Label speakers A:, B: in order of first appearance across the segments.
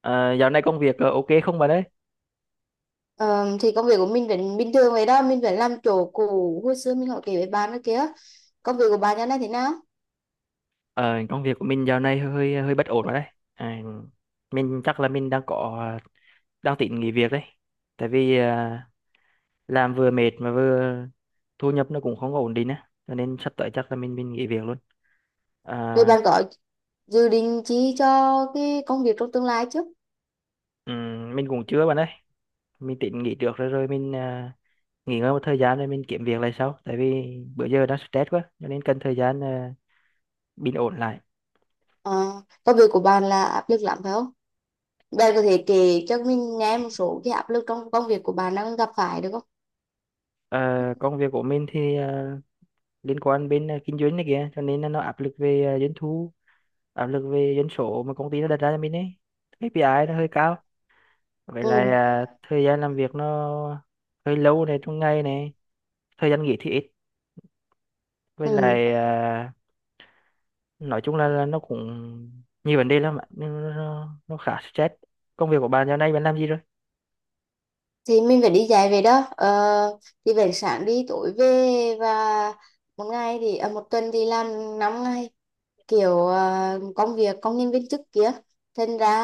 A: Ờ, Dạo này công việc ok không bà đấy?
B: Ờ, thì công việc của mình vẫn bình thường vậy đó, mình vẫn làm chỗ cũ, hồi xưa mình hỏi kể với bạn đó kia. Công việc của bạn nhà này thế nào?
A: Ờ, Công việc của mình dạo này hơi hơi bất ổn rồi đấy. À, mình chắc là mình đang có đang tính nghỉ việc đấy. Tại vì làm vừa mệt mà vừa thu nhập nó cũng không có ổn định á, cho nên sắp tới chắc là mình nghỉ việc luôn.
B: Rồi
A: À,
B: bạn có dự định chi cho cái công việc trong tương lai chứ?
A: mình cũng chưa bạn ơi. Mình tính nghỉ trước rồi rồi mình nghỉ ngơi một thời gian rồi mình kiếm việc lại sau. Tại vì bữa giờ đang stress quá, cho nên cần thời gian bình ổn lại.
B: Ờ, Công việc của bạn là áp lực lắm phải không? Bạn có thể kể cho mình nghe một số cái áp lực trong công việc của bạn đang gặp phải được không?
A: Ờ, Công việc của mình thì liên quan bên kinh doanh này kìa, cho nên là nó áp lực về doanh thu, áp lực về doanh số mà công ty nó đặt ra cho mình ấy. KPI nó hơi cao. Vậy là
B: Ừ,
A: à, thời gian làm việc nó hơi lâu này, trong ngày này thời gian nghỉ thì ít, với
B: ừ.
A: lại à, nói chung là, nó cũng nhiều vấn đề lắm ạ. Nó khá stress. Công việc của bạn giờ này bạn làm gì rồi?
B: Thì mình phải đi dạy về đó, thì về sáng đi tối về. Và một tuần thì làm 5 ngày, kiểu công việc công nhân viên chức kia. Thành ra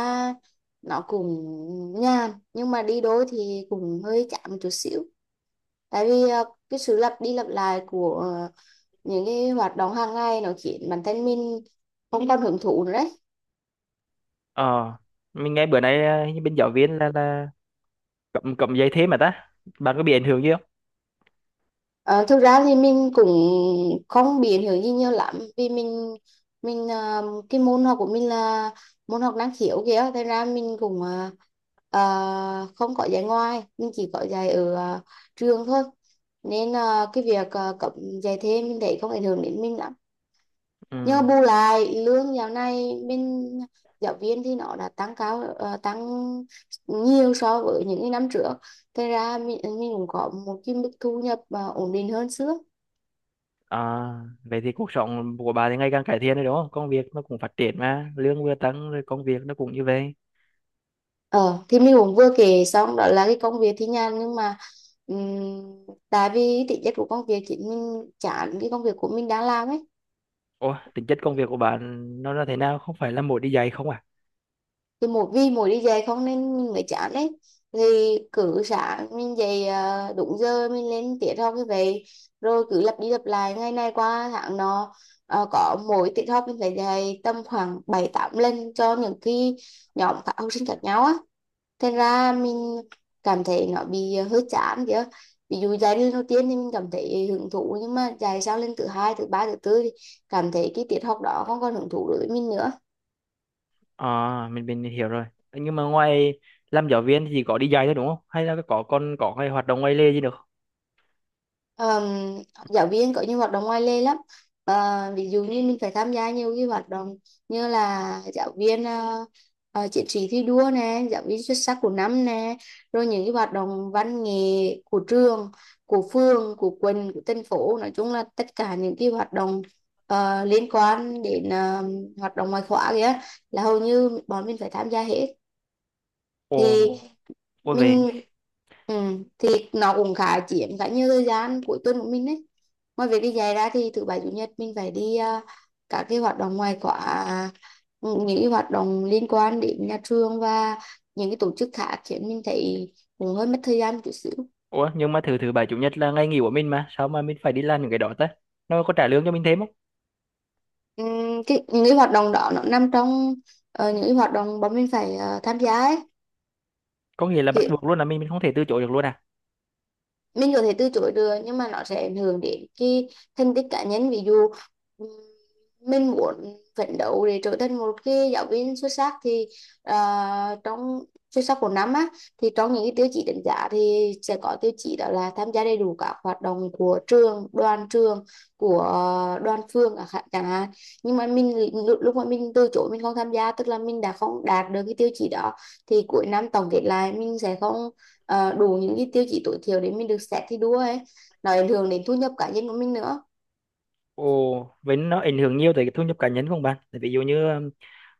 B: nó cũng nhàn, nhưng mà đi đôi thì cũng hơi chán một chút xíu. Tại vì cái sự lặp đi lặp lại của những cái hoạt động hàng ngày nó khiến bản thân mình không còn hưởng thụ nữa đấy.
A: Ờ, mình nghe bữa nay à, như bên giáo viên là cầm cầm giấy thế mà ta, bạn có bị ảnh hưởng gì không?
B: Ờ, Thực ra thì mình cũng không biến hiểu gì nhiều lắm vì mình cái môn học của mình là môn học năng khiếu kìa. Thế ra mình cũng không có dạy ngoài, mình chỉ có dạy ở trường thôi. Nên cái việc cấm dạy thêm mình thấy không ảnh hưởng đến mình lắm. Nhờ
A: Ừ.
B: bù lại lương dạo này bên giáo viên thì nó đã tăng cao, tăng nhiều so với những cái năm trước. Thế ra mình cũng có một cái mức thu nhập ổn định hơn xưa.
A: À, vậy thì cuộc sống của bà thì ngày càng cải thiện rồi đúng không? Công việc nó cũng phát triển mà, lương vừa tăng rồi công việc nó cũng như vậy.
B: Ờ, thì mình cũng vừa kể xong đó, là cái công việc thì nhàn nhưng mà ừm, tại vì tính chất của công việc chính, mình chán cái công việc của mình đang làm ấy.
A: Ủa, tính chất công việc của bạn nó là thế nào? Không phải là mỗi đi dạy không à?
B: Thì mỗi vì mỗi đi dạy không nên mình mới chán đấy. Thì cứ sáng mình dậy đúng giờ mình lên tiết học như vậy, rồi cứ lặp đi lặp lại ngày này qua tháng nọ. Có mỗi tiết học mình phải dạy tầm khoảng bảy tám lần cho những cái nhóm các học sinh khác nhau á. Thật ra mình cảm thấy nó bị hơi chán kìa. Ví dụ giai đoạn đầu tiên thì mình cảm thấy hứng thú, nhưng mà dài sau lên thứ hai, thứ ba, thứ tư thì cảm thấy cái tiết học đó không còn hứng thú đối với mình nữa.
A: À, mình hiểu rồi. Nhưng mà ngoài làm giáo viên thì chỉ có đi dạy thôi đúng không? Hay là có còn có cái hoạt động ngoài lề gì được?
B: Ờm, Giáo viên có nhiều hoạt động ngoài lề lắm. Ờ, Ví dụ như mình phải tham gia nhiều cái hoạt động, như là giáo viên chiến sĩ thi đua nè, giáo viên xuất sắc của năm nè, rồi những cái hoạt động văn nghệ của trường, của phường, của quận, của thành phố. Nói chung là tất cả những cái hoạt động liên quan đến hoạt động ngoại khóa kìa, là hầu như bọn mình phải tham gia hết. Thì
A: Ồ, ủa về.
B: mình, ừ, thì nó cũng khá chiếm khá nhiều thời gian cuối tuần của mình đấy. Ngoài việc đi dạy ra thì thứ bảy chủ nhật mình phải đi, các cái hoạt động ngoài khóa, những cái hoạt động liên quan đến nhà trường và những cái tổ chức khác, khiến mình thấy cũng hơi mất thời gian một chút xíu.
A: Ủa, nhưng mà thứ thứ bảy chủ nhật là ngày nghỉ của mình mà, sao mà mình phải đi làm những cái đó ta? Nó có trả lương cho mình thêm không?
B: Cái những cái hoạt động đó nó nằm trong những cái hoạt động bọn mình phải tham gia ấy.
A: Có nghĩa là bắt
B: Thì
A: buộc luôn là mình không thể từ chối được luôn à?
B: mình có thể từ chối được, nhưng mà nó sẽ ảnh hưởng đến cái thành tích cá nhân. Ví dụ ừm, mình muốn phấn đấu để trở thành một cái giáo viên xuất sắc, thì trong xuất sắc của năm á, thì trong những cái tiêu chí đánh giá thì sẽ có tiêu chí đó là tham gia đầy đủ các hoạt động của trường, đoàn trường, của đoàn phường chẳng hạn chẳng hạn. Nhưng mà mình lúc lúc mà mình từ chối, mình không tham gia, tức là mình đã không đạt được cái tiêu chí đó. Thì cuối năm tổng kết lại mình sẽ không đủ những cái tiêu chí tối thiểu để mình được xét thi đua ấy. Nó ảnh hưởng đến thu nhập cá nhân của mình nữa.
A: Ồ, vậy nó ảnh hưởng nhiều tới cái thu nhập cá nhân của bạn. Tại ví dụ như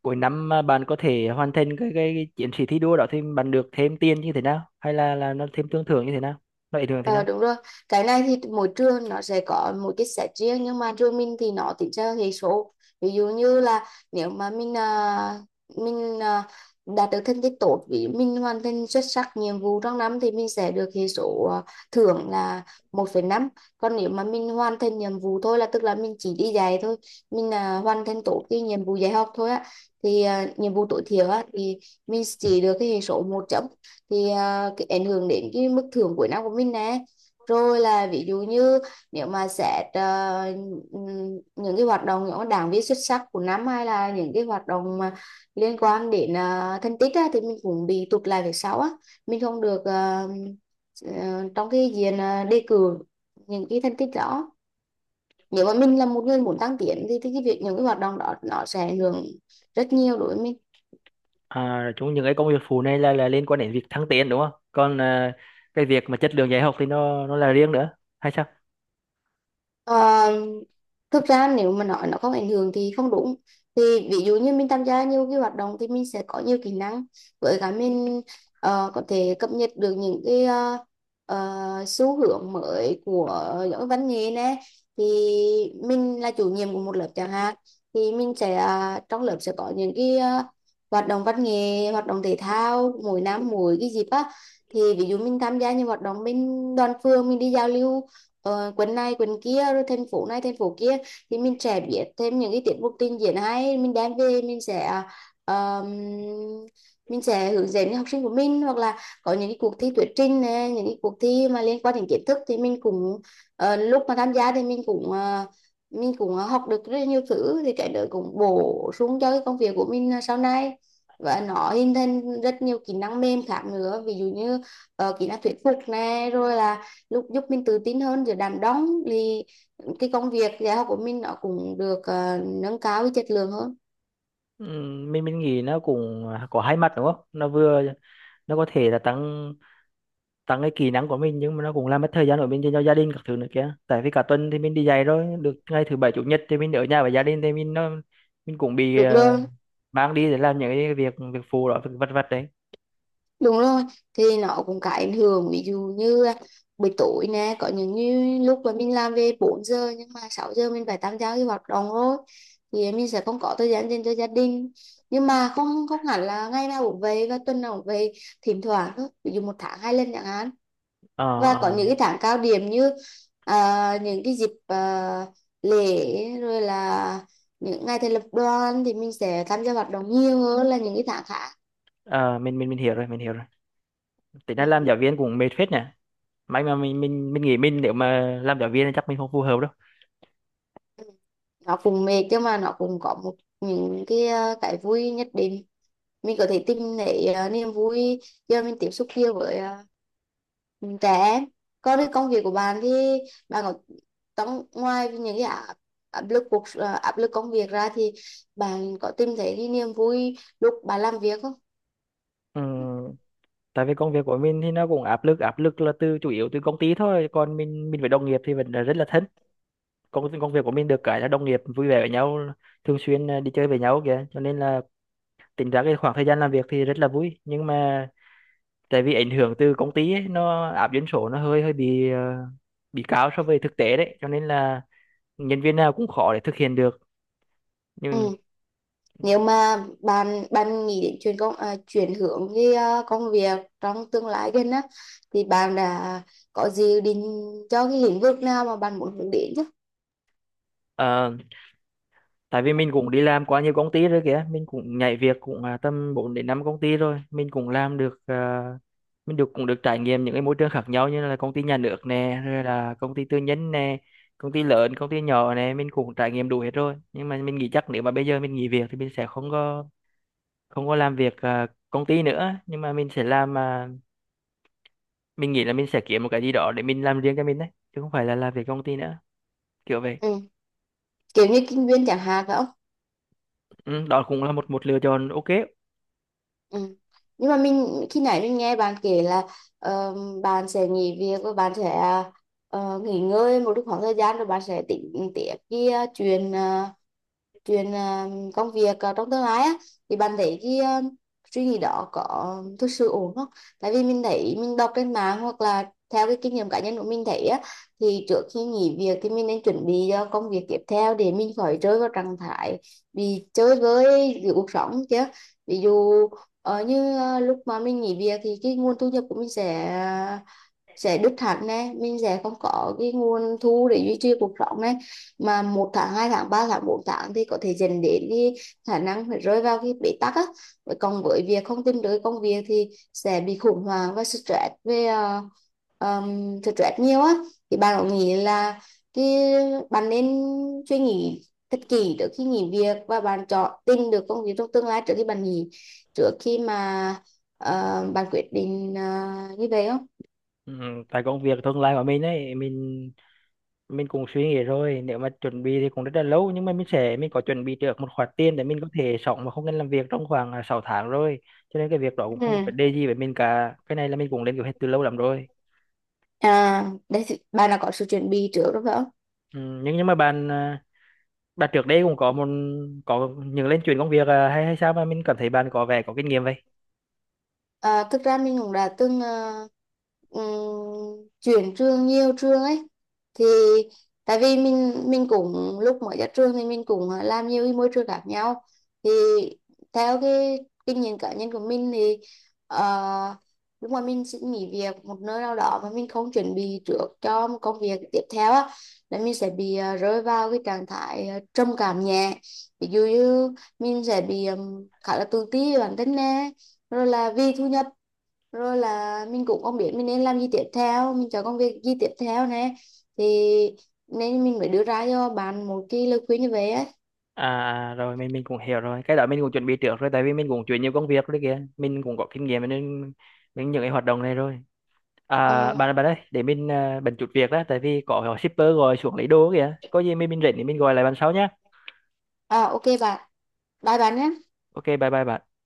A: cuối năm mà bạn có thể hoàn thành cái chiến sĩ thi đua đó thì bạn được thêm tiền như thế nào? Hay là nó thêm tương thưởng như thế nào? Nó ảnh hưởng thế
B: Ờ
A: nào?
B: Đúng rồi, cái này thì mỗi trường nó sẽ có một cái set riêng, nhưng mà trường mình thì nó tính theo hệ số. Ví dụ như là nếu mà mình đạt được thành tích tốt, vì mình hoàn thành xuất sắc nhiệm vụ trong năm, thì mình sẽ được hệ số, thưởng là 1,5. Còn nếu mà mình hoàn thành nhiệm vụ thôi, là tức là mình chỉ đi dạy thôi, mình hoàn thành tốt cái nhiệm vụ dạy học thôi á, thì nhiệm vụ tối thiểu á, thì mình chỉ được cái hệ số một chấm. Thì cái ảnh hưởng đến cái mức thưởng cuối năm của mình nè. Rồi là ví dụ như, nếu mà xét những cái hoạt động, những cái đảng viên xuất sắc của năm, hay là những cái hoạt động mà liên quan đến thành tích á, thì mình cũng bị tụt lại về sau á. Mình không được trong cái diện, đề cử những cái thành tích đó. Nếu mà mình là một người muốn tăng tiến thì cái việc những cái hoạt động đó nó sẽ ảnh hưởng rất nhiều đối với mình.
A: À, chúng những cái công việc phụ này là liên quan đến việc thăng tiến đúng không? Còn à, cái việc mà chất lượng dạy học thì nó là riêng nữa hay sao?
B: Ờ, Thực ra nếu mà nói nó không ảnh hưởng thì không đúng. Thì ví dụ như mình tham gia nhiều cái hoạt động thì mình sẽ có nhiều kỹ năng, với cả mình có thể cập nhật được những cái xu hướng mới của giáo dục văn nghệ nè. Thì mình là chủ nhiệm của một lớp chẳng hạn, thì mình sẽ, trong lớp sẽ có những cái hoạt động văn nghệ, hoạt động thể thao mỗi năm mỗi cái dịp á. Thì ví dụ mình tham gia những hoạt động bên đoàn phường, mình đi giao lưu quần này quần kia, rồi thành phố này thành phố kia. Thì mình sẽ biết thêm những cái tiết mục trình diễn hay, mình đem về mình sẽ, ờ, mình sẽ hướng dẫn học sinh của mình. Hoặc là có những cái cuộc thi thuyết trình này, những cái cuộc thi mà liên quan đến kiến thức, thì mình cũng, lúc mà tham gia thì mình cũng học được rất nhiều thứ. Thì cái đó cũng bổ sung cho cái công việc của mình sau này, và nó hình thành rất nhiều kỹ năng mềm khác nữa. Ví dụ như kỹ năng thuyết phục này, rồi là lúc giúp mình tự tin hơn giữa đám đông, thì cái công việc dạy học của mình nó cũng được nâng cao cái chất lượng hơn.
A: Mình nghĩ nó cũng à, có hai mặt đúng không? Nó vừa nó có thể là tăng tăng cái kỹ năng của mình, nhưng mà nó cũng làm mất thời gian của mình dành cho gia đình các thứ nữa kia. Tại vì cả tuần thì mình đi dạy rồi, được ngày thứ bảy chủ nhật thì mình ở nhà với gia đình thì mình nó mình cũng bị
B: Được rồi.
A: mang đi để làm những cái việc việc phụ đó, việc vặt vặt đấy.
B: Đúng rồi, thì nó cũng có ảnh hưởng, ví dụ như buổi tối nè, có những như lúc mà mình làm về 4 giờ, nhưng mà 6 giờ mình phải tham gia cái hoạt động rồi. Thì mình sẽ không có thời gian dành cho gia đình. Nhưng mà không không hẳn là ngày nào cũng về và tuần nào cũng về, thỉnh thoảng thôi, ví dụ một tháng 2 lần chẳng hạn.
A: Ờ,
B: Và
A: ờ.
B: có những cái tháng cao điểm như những cái dịp, lễ, rồi là những ngày thành lập đoàn, thì mình sẽ tham gia hoạt động nhiều hơn là những cái tháng khác.
A: Ờ, mình hiểu rồi, mình hiểu rồi. Tính ra
B: Ừ.
A: làm giáo viên cũng mệt phết nhỉ. May mà mình nghĩ mình nếu mà làm giáo viên thì chắc mình không phù hợp đâu.
B: Nó cũng mệt, nhưng mà nó cũng có một những cái, cái vui nhất định. Mình có thể tìm thấy, niềm vui do mình tiếp xúc nhiều với, trẻ em. Còn cái công việc của bạn thì, bạn có, trong ngoài những cái áp áp lực cuộc à, áp lực công việc ra, thì bạn có tìm thấy cái niềm vui lúc bạn làm việc không?
A: Ừ, tại vì công việc của mình thì nó cũng áp lực, áp lực là từ chủ yếu từ công ty thôi, còn mình với đồng nghiệp thì vẫn là rất là thân. Công công việc của mình được cái là đồng nghiệp vui vẻ với nhau, thường xuyên à, đi chơi với nhau kìa, cho nên là tính ra cái khoảng thời gian làm việc thì rất là vui. Nhưng mà tại vì ảnh hưởng từ công ty ấy, nó áp doanh số nó hơi hơi bị bị cao so với thực tế đấy, cho nên là nhân viên nào cũng khó để thực hiện được. Nhưng
B: Ừ. Nếu mà bạn bạn nghĩ đến chuyển hướng cái, công việc trong tương lai gần á, thì bạn đã có dự định cho cái lĩnh vực nào mà bạn muốn hướng đến chứ?
A: à, tại vì mình cũng đi làm quá nhiều công ty rồi kìa, mình cũng nhảy việc cũng à, tầm 4 đến 5 công ty rồi. Mình cũng làm được à, mình được trải nghiệm những cái môi trường khác nhau, như là công ty nhà nước nè, rồi là công ty tư nhân nè, công ty lớn công ty nhỏ nè, mình cũng trải nghiệm đủ hết rồi. Nhưng mà mình nghĩ chắc nếu mà bây giờ mình nghỉ việc thì mình sẽ không có làm việc à, công ty nữa, nhưng mà mình sẽ làm à, mình nghĩ là mình sẽ kiếm một cái gì đó để mình làm riêng cho mình đấy, chứ không phải là làm việc công ty nữa, kiểu vậy.
B: Ừ. Kiểu như kinh doanh chẳng hạn phải không?
A: Ừ, đó cũng là một một lựa chọn ok.
B: Ừ. Nhưng mà mình khi nãy mình nghe bạn kể là ờ, bạn sẽ nghỉ việc và bạn sẽ nghỉ ngơi một lúc khoảng thời gian, rồi bạn sẽ tính tiếp cái chuyện à, công việc, trong tương lai á. Thì bạn thấy cái, suy nghĩ đó có thực sự ổn không? Tại vì mình thấy mình đọc trên mạng hoặc là theo cái kinh nghiệm cá nhân của mình thấy á, thì trước khi nghỉ việc thì mình nên chuẩn bị cho công việc tiếp theo để mình khỏi rơi vào trạng thái bị chơi với giữa cuộc sống chứ. Ví dụ như, lúc mà mình nghỉ việc thì cái nguồn thu nhập của mình sẽ đứt hẳn này. Mình sẽ không có cái nguồn thu để duy trì cuộc sống này, mà một tháng, hai tháng, ba tháng, bốn tháng thì có thể dẫn đến cái khả năng phải rơi vào cái bế tắc á. Còn với việc không tìm được công việc thì sẽ bị khủng hoảng và stress về, stress nhiều á. Thì bạn có nghĩ là cái bạn nên suy nghĩ thật kỹ trước khi nghỉ việc, và bạn chọn tìm được công việc trong tương lai trước khi bạn nghỉ, trước khi mà bạn quyết định như vậy không?
A: Ừ, tại công việc tương lai của mình ấy, mình cũng suy nghĩ rồi. Nếu mà chuẩn bị thì cũng rất là lâu, nhưng mà mình có chuẩn bị được một khoản tiền để mình có thể sống mà không cần làm việc trong khoảng à, 6 tháng rồi, cho nên cái việc đó cũng
B: Ừ.
A: không có vấn đề gì với mình cả. Cái này là mình cũng lên kế hoạch từ lâu lắm rồi.
B: Đấy thì bạn là có sự chuẩn bị trước đúng phải không?
A: Ừ, nhưng mà bạn à, bạn trước đây cũng có một có những lên chuyển công việc à, hay hay sao mà mình cảm thấy bạn có vẻ có kinh nghiệm vậy?
B: À, thực ra mình cũng đã từng chuyển trường, nhiều trường ấy. Thì tại vì mình cũng lúc mới ra trường thì mình cũng làm nhiều cái môi trường khác nhau. Thì theo cái kinh nghiệm cá nhân của mình thì, ờ, lúc mà mình xin nghỉ việc một nơi nào đó mà mình không chuẩn bị trước cho một công việc tiếp theo á, là mình sẽ bị rơi vào cái trạng thái, trầm cảm nhẹ. Ví dụ như mình sẽ bị khá là tự ti về bản thân nè, rồi là vì thu nhập, rồi là mình cũng không biết mình nên làm gì tiếp theo, mình chọn công việc gì tiếp theo nè. Thì nên mình mới đưa ra cho bạn một cái lời khuyên như vậy á.
A: À, à, rồi mình cũng hiểu rồi. Cái đó mình cũng chuẩn bị trước rồi, tại vì mình cũng chuyển nhiều công việc rồi kìa, mình cũng có kinh nghiệm nên mình những cái hoạt động này rồi. À,
B: Ờ.
A: bạn bạn ơi, để mình à, bận chút việc đó, tại vì có shipper gọi xuống lấy đồ kìa. Có gì mình rảnh thì mình gọi lại bạn sau nhá.
B: OK bạn, bye bạn nhé.
A: Ok, bye bye bạn.